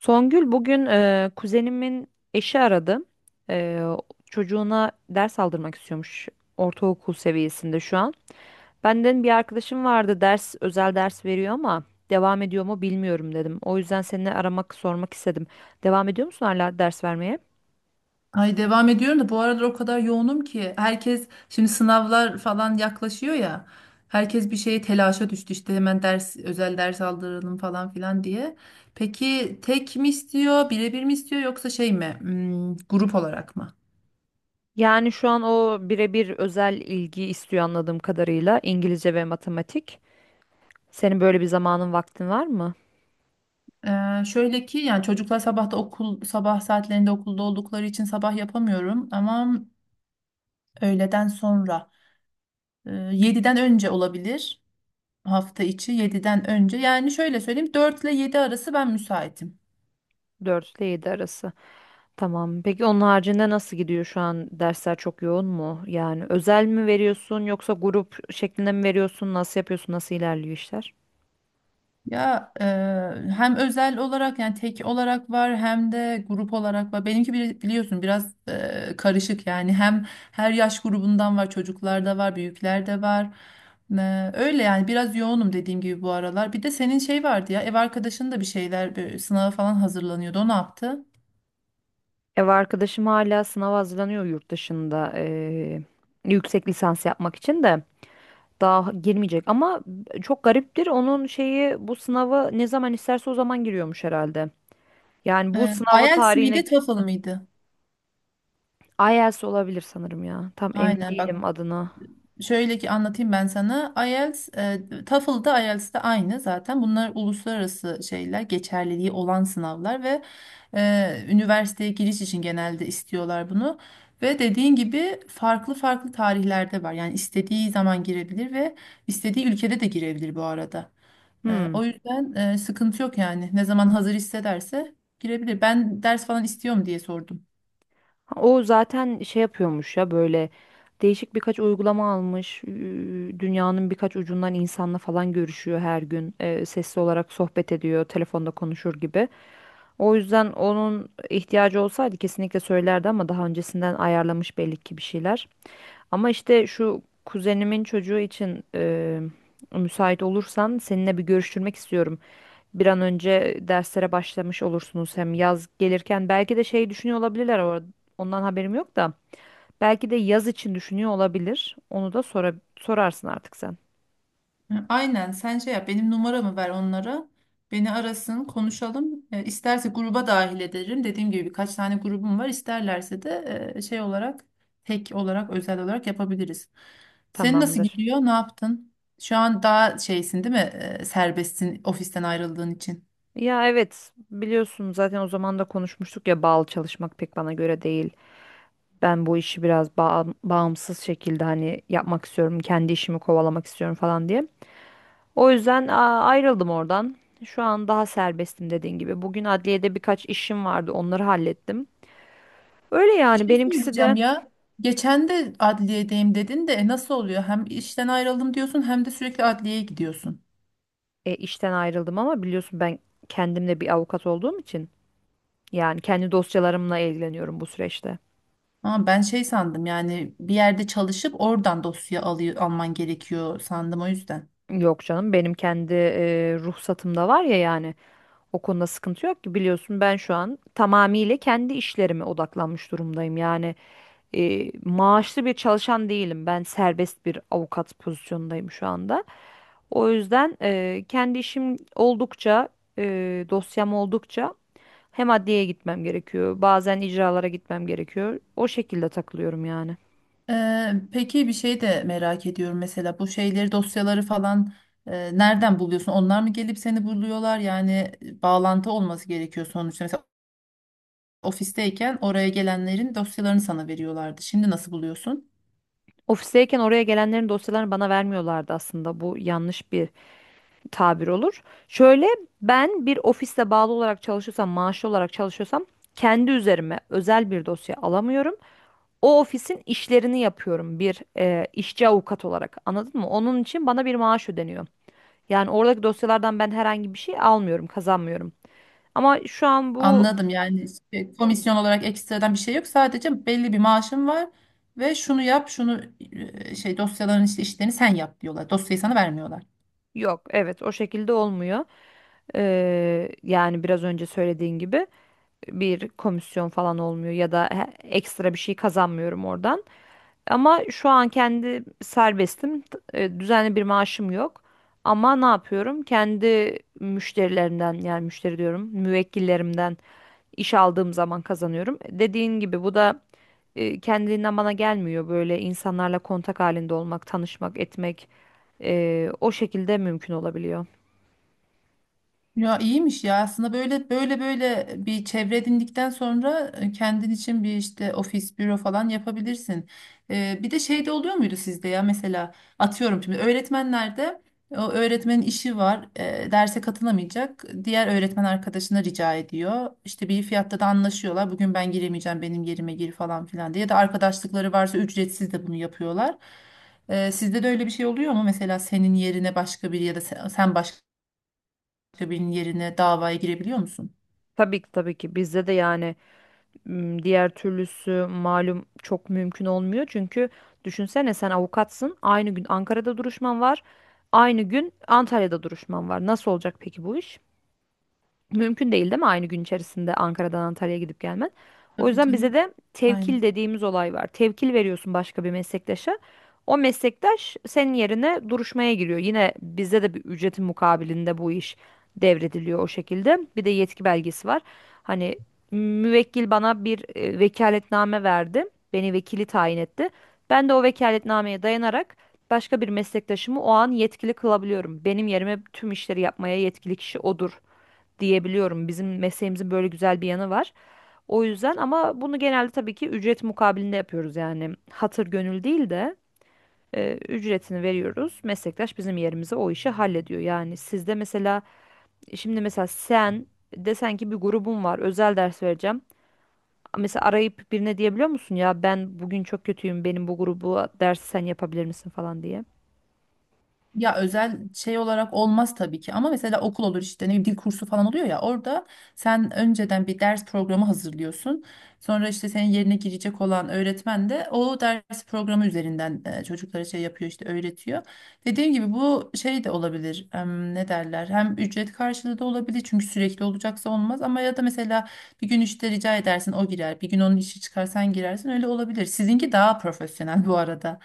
Songül bugün kuzenimin eşi aradı. Eee, Çocuğuna ders aldırmak istiyormuş ortaokul seviyesinde şu an. Benden bir arkadaşım vardı ders özel ders veriyor ama devam ediyor mu bilmiyorum dedim. O yüzden seni aramak sormak istedim. Devam ediyor musun hala ders vermeye? Ay devam ediyorum da bu aralar o kadar yoğunum ki herkes şimdi sınavlar falan yaklaşıyor ya, herkes bir şeye telaşa düştü işte hemen ders özel ders aldıralım falan filan diye. Peki tek mi istiyor birebir mi istiyor yoksa şey mi grup olarak mı? Yani şu an o birebir özel ilgi istiyor anladığım kadarıyla İngilizce ve matematik. Senin böyle bir zamanın vaktin var mı? Şöyle ki yani çocuklar sabahta okul sabah saatlerinde okulda oldukları için sabah yapamıyorum ama öğleden sonra 7'den önce olabilir, hafta içi 7'den önce, yani şöyle söyleyeyim 4 ile 7 arası ben müsaitim. 4 ile 7 arası. Tamam. Peki onun haricinde nasıl gidiyor şu an? Dersler çok yoğun mu? Yani özel mi veriyorsun yoksa grup şeklinde mi veriyorsun? Nasıl yapıyorsun? Nasıl ilerliyor işler? Ya hem özel olarak yani tek olarak var hem de grup olarak var. Benimki biliyorsun biraz karışık, yani hem her yaş grubundan var, çocuklar da var büyükler de var. Öyle yani biraz yoğunum dediğim gibi bu aralar. Bir de senin şey vardı ya, ev arkadaşın da bir şeyler böyle sınava falan hazırlanıyordu, o ne yaptı? Ev arkadaşım hala sınava hazırlanıyor yurt dışında yüksek lisans yapmak için de daha girmeyecek ama çok gariptir onun şeyi bu sınava ne zaman isterse o zaman giriyormuş herhalde. Yani bu E, sınava IELTS miydi tarihine TOEFL mıydı? IELTS olabilir sanırım ya. Tam emin Aynen bak. değilim adına. Şöyle ki anlatayım ben sana. IELTS, TOEFL'da IELTS'de aynı zaten. Bunlar uluslararası şeyler, geçerliliği olan sınavlar ve üniversiteye giriş için genelde istiyorlar bunu. Ve dediğin gibi farklı farklı tarihlerde var. Yani istediği zaman girebilir ve istediği ülkede de girebilir bu arada. Hmm. O yüzden sıkıntı yok yani. Ne zaman hazır hissederse girebilir. Ben ders falan istiyorum diye sordum. O zaten şey yapıyormuş ya böyle değişik birkaç uygulama almış. Dünyanın birkaç ucundan insanla falan görüşüyor her gün. Sesli olarak sohbet ediyor, telefonda konuşur gibi. O yüzden onun ihtiyacı olsaydı kesinlikle söylerdi ama daha öncesinden ayarlamış belli ki bir şeyler. Ama işte şu kuzenimin çocuğu için müsait olursan seninle bir görüştürmek istiyorum. Bir an önce derslere başlamış olursunuz hem yaz gelirken belki de şey düşünüyor olabilirler ondan haberim yok da belki de yaz için düşünüyor olabilir. Onu da sora sorarsın artık sen. Hı, aynen sen şey yap, benim numaramı ver onlara. Beni arasın konuşalım. İsterse gruba dahil ederim. Dediğim gibi birkaç tane grubum var. İsterlerse de şey olarak tek olarak özel olarak yapabiliriz. Senin nasıl Tamamdır. gidiyor? Ne yaptın? Şu an daha şeysin değil mi? Serbestsin ofisten ayrıldığın için. Ya evet biliyorsun zaten o zaman da konuşmuştuk ya bağlı çalışmak pek bana göre değil. Ben bu işi biraz bağımsız şekilde hani yapmak istiyorum, kendi işimi kovalamak istiyorum falan diye. O yüzden ayrıldım oradan. Şu an daha serbestim dediğin gibi. Bugün adliyede birkaç işim vardı, onları hallettim. Öyle Bir yani şey benimkisi söyleyeceğim de ya. Geçen de adliyedeyim dedin de nasıl oluyor? Hem işten ayrıldım diyorsun hem de sürekli adliyeye gidiyorsun. İşten ayrıldım ama biliyorsun ben kendimde bir avukat olduğum için yani kendi dosyalarımla ilgileniyorum bu süreçte. Ama ben şey sandım, yani bir yerde çalışıp oradan dosya alıyor, alman gerekiyor sandım o yüzden. Yok canım benim kendi ruhsatımda var ya yani o konuda sıkıntı yok ki biliyorsun ben şu an tamamıyla kendi işlerime odaklanmış durumdayım. Yani maaşlı bir çalışan değilim ben serbest bir avukat pozisyondayım şu anda. O yüzden kendi işim oldukça, dosyam oldukça hem adliyeye gitmem gerekiyor. Bazen icralara gitmem gerekiyor. O şekilde takılıyorum yani. Peki bir şey de merak ediyorum, mesela bu şeyleri dosyaları falan nereden buluyorsun? Onlar mı gelip seni buluyorlar? Yani bağlantı olması gerekiyor sonuçta. Mesela ofisteyken oraya gelenlerin dosyalarını sana veriyorlardı. Şimdi nasıl buluyorsun? Ofisteyken oraya gelenlerin dosyalarını bana vermiyorlardı aslında. Bu yanlış bir tabir olur. Şöyle ben bir ofiste bağlı olarak çalışıyorsam, maaşlı olarak çalışıyorsam kendi üzerime özel bir dosya alamıyorum. O ofisin işlerini yapıyorum bir işçi avukat olarak. Anladın mı? Onun için bana bir maaş ödeniyor. Yani oradaki dosyalardan ben herhangi bir şey almıyorum, kazanmıyorum. Ama şu an bu Anladım, yani komisyon olarak ekstradan bir şey yok. Sadece belli bir maaşın var ve şunu yap, şunu şey, dosyaların işte işlerini sen yap diyorlar. Dosyayı sana vermiyorlar. yok. Evet, o şekilde olmuyor. Yani biraz önce söylediğin gibi bir komisyon falan olmuyor ya da ekstra bir şey kazanmıyorum oradan. Ama şu an kendi serbestim. Düzenli bir maaşım yok. Ama ne yapıyorum? Kendi müşterilerimden yani müşteri diyorum, müvekkillerimden iş aldığım zaman kazanıyorum. Dediğin gibi bu da kendiliğinden bana gelmiyor. Böyle insanlarla kontak halinde olmak, tanışmak, etmek o şekilde mümkün olabiliyor. Ya iyiymiş ya, aslında böyle böyle bir çevre edindikten sonra kendin için bir işte ofis, büro falan yapabilirsin. Bir de şey de oluyor muydu sizde ya, mesela atıyorum şimdi öğretmenlerde o öğretmenin işi var, derse katılamayacak, diğer öğretmen arkadaşına rica ediyor. İşte bir fiyatta da anlaşıyorlar, bugün ben giremeyeceğim benim yerime gir falan filan diye, ya da arkadaşlıkları varsa ücretsiz de bunu yapıyorlar. Sizde de öyle bir şey oluyor mu mesela, senin yerine başka biri ya da sen başka başka birinin yerine davaya girebiliyor musun? Tabii ki tabii ki bizde de yani diğer türlüsü malum çok mümkün olmuyor. Çünkü düşünsene sen avukatsın. Aynı gün Ankara'da duruşman var. Aynı gün Antalya'da duruşman var. Nasıl olacak peki bu iş? Mümkün değil değil mi aynı gün içerisinde Ankara'dan Antalya'ya gidip gelmen? O Tabii yüzden bize canım. de Aynen. tevkil dediğimiz olay var. Tevkil veriyorsun başka bir meslektaşa. O meslektaş senin yerine duruşmaya giriyor. Yine bizde de bir ücretin mukabilinde bu iş devrediliyor o şekilde. Bir de yetki belgesi var. Hani müvekkil bana bir vekaletname verdi. Beni vekili tayin etti. Ben de o vekaletnameye dayanarak başka bir meslektaşımı o an yetkili kılabiliyorum. Benim yerime tüm işleri yapmaya yetkili kişi odur diyebiliyorum. Bizim mesleğimizin böyle güzel bir yanı var. O yüzden ama bunu genelde tabii ki ücret mukabilinde yapıyoruz yani hatır gönül değil de ücretini veriyoruz. Meslektaş bizim yerimize o işi hallediyor. Yani sizde mesela şimdi mesela sen desen ki bir grubum var özel ders vereceğim. Mesela arayıp birine diyebiliyor musun ya ben bugün çok kötüyüm benim bu grubu dersi sen yapabilir misin falan diye. Ya özel şey olarak olmaz tabii ki, ama mesela okul olur işte, ne bileyim dil kursu falan oluyor ya, orada sen önceden bir ders programı hazırlıyorsun. Sonra işte senin yerine girecek olan öğretmen de o ders programı üzerinden çocuklara şey yapıyor işte, öğretiyor. Dediğim gibi bu şey de olabilir ne derler, hem ücret karşılığı da olabilir, çünkü sürekli olacaksa olmaz, ama ya da mesela bir gün işte rica edersin, o girer, bir gün onun işi çıkar sen girersin, öyle olabilir. Sizinki daha profesyonel bu arada.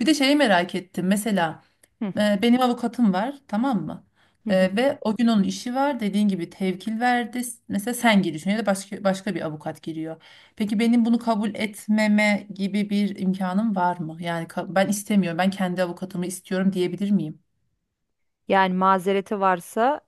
Bir de şeyi merak ettim mesela. Hı. Benim avukatım var, tamam mı? Ve o gün onun işi var. Dediğin gibi tevkil verdi. Mesela sen giriyorsun ya da başka başka bir avukat giriyor. Peki benim bunu kabul etmeme gibi bir imkanım var mı? Yani ben istemiyorum, ben kendi avukatımı istiyorum diyebilir miyim? Yani mazereti varsa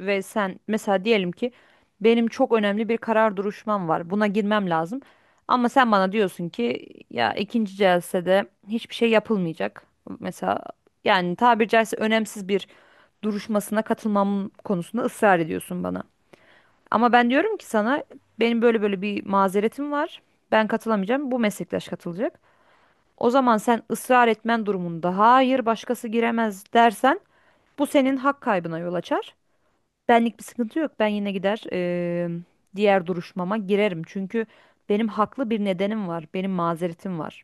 ve sen mesela diyelim ki benim çok önemli bir karar duruşmam var. Buna girmem lazım. Ama sen bana diyorsun ki ya ikinci celsede hiçbir şey yapılmayacak. Mesela yani tabiri caizse önemsiz bir duruşmasına katılmam konusunda ısrar ediyorsun bana. Ama ben diyorum ki sana benim böyle böyle bir mazeretim var. Ben katılamayacağım. Bu meslektaş katılacak. O zaman sen ısrar etmen durumunda hayır başkası giremez dersen bu senin hak kaybına yol açar. Benlik bir sıkıntı yok. Ben yine gider diğer duruşmama girerim. Çünkü benim haklı bir nedenim var. Benim mazeretim var.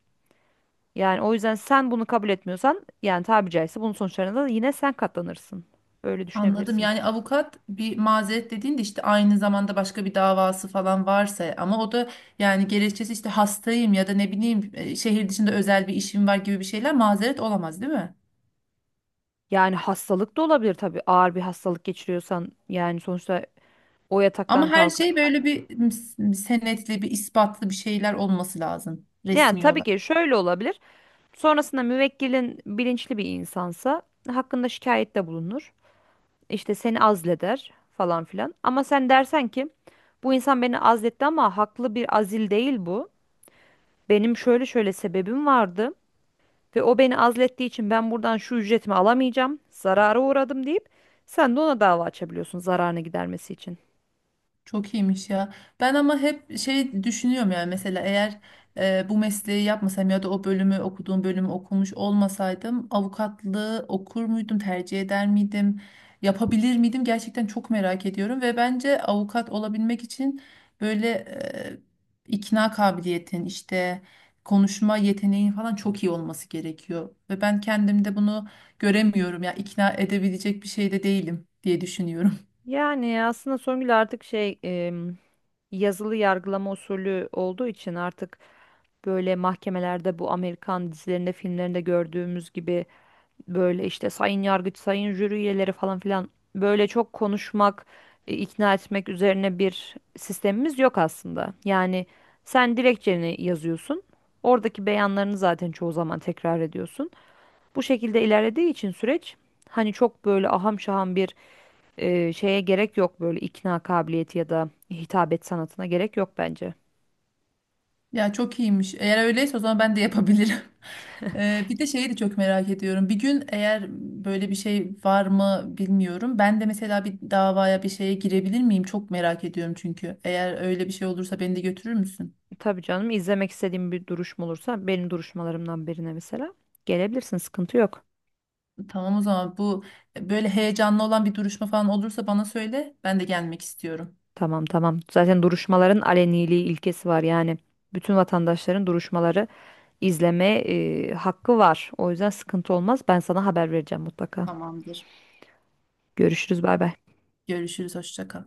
Yani o yüzden sen bunu kabul etmiyorsan yani tabiri caizse bunun sonuçlarına da yine sen katlanırsın. Öyle Anladım. düşünebilirsin. Yani avukat bir mazeret dediğinde işte aynı zamanda başka bir davası falan varsa, ama o da yani gerekçesi işte hastayım ya da ne bileyim şehir dışında özel bir işim var gibi bir şeyler mazeret olamaz, değil mi? Yani hastalık da olabilir tabii. Ağır bir hastalık geçiriyorsan yani sonuçta o Ama yataktan her kalkıp. şey böyle bir, bir senetli, bir ispatlı bir şeyler olması lazım Yani resmi tabii ki olarak. şöyle olabilir. Sonrasında müvekkilin bilinçli bir insansa hakkında şikayette bulunur. İşte seni azleder falan filan. Ama sen dersen ki bu insan beni azletti ama haklı bir azil değil bu. Benim şöyle şöyle sebebim vardı ve o beni azlettiği için ben buradan şu ücretimi alamayacağım, zarara uğradım deyip sen de ona dava açabiliyorsun zararını gidermesi için. Çok iyiymiş ya. Ben ama hep şey düşünüyorum, yani mesela eğer bu mesleği yapmasam ya da o bölümü, okuduğum bölümü okumuş olmasaydım, avukatlığı okur muydum, tercih eder miydim, yapabilir miydim, gerçekten çok merak ediyorum. Ve bence avukat olabilmek için böyle ikna kabiliyetin işte, konuşma yeteneğin falan çok iyi olması gerekiyor, ve ben kendimde bunu göremiyorum ya, ikna edebilecek bir şey de değilim diye düşünüyorum. Yani aslında Songül artık yazılı yargılama usulü olduğu için artık böyle mahkemelerde bu Amerikan dizilerinde, filmlerinde gördüğümüz gibi böyle işte sayın yargıç, sayın jüri üyeleri falan filan böyle çok konuşmak, ikna etmek üzerine bir sistemimiz yok aslında. Yani sen dilekçeni yazıyorsun. Oradaki beyanlarını zaten çoğu zaman tekrar ediyorsun. Bu şekilde ilerlediği için süreç hani çok böyle aham şaham bir şeye gerek yok böyle ikna kabiliyeti ya da hitabet sanatına gerek yok bence. Ya çok iyiymiş. Eğer öyleyse o zaman ben de yapabilirim. Bir de şeyi de çok merak ediyorum. Bir gün eğer, böyle bir şey var mı bilmiyorum, ben de mesela bir davaya, bir şeye girebilir miyim? Çok merak ediyorum çünkü. Eğer öyle bir şey olursa beni de götürür müsün? Tabii canım izlemek istediğim bir duruşma olursa benim duruşmalarımdan birine mesela gelebilirsin sıkıntı yok. Tamam, o zaman bu böyle heyecanlı olan bir duruşma falan olursa bana söyle. Ben de gelmek istiyorum. Tamam tamam. Zaten duruşmaların aleniliği ilkesi var yani. Bütün vatandaşların duruşmaları izleme hakkı var. O yüzden sıkıntı olmaz. Ben sana haber vereceğim mutlaka. Tamamdır. Görüşürüz. Bay bay. Görüşürüz. Hoşça kal.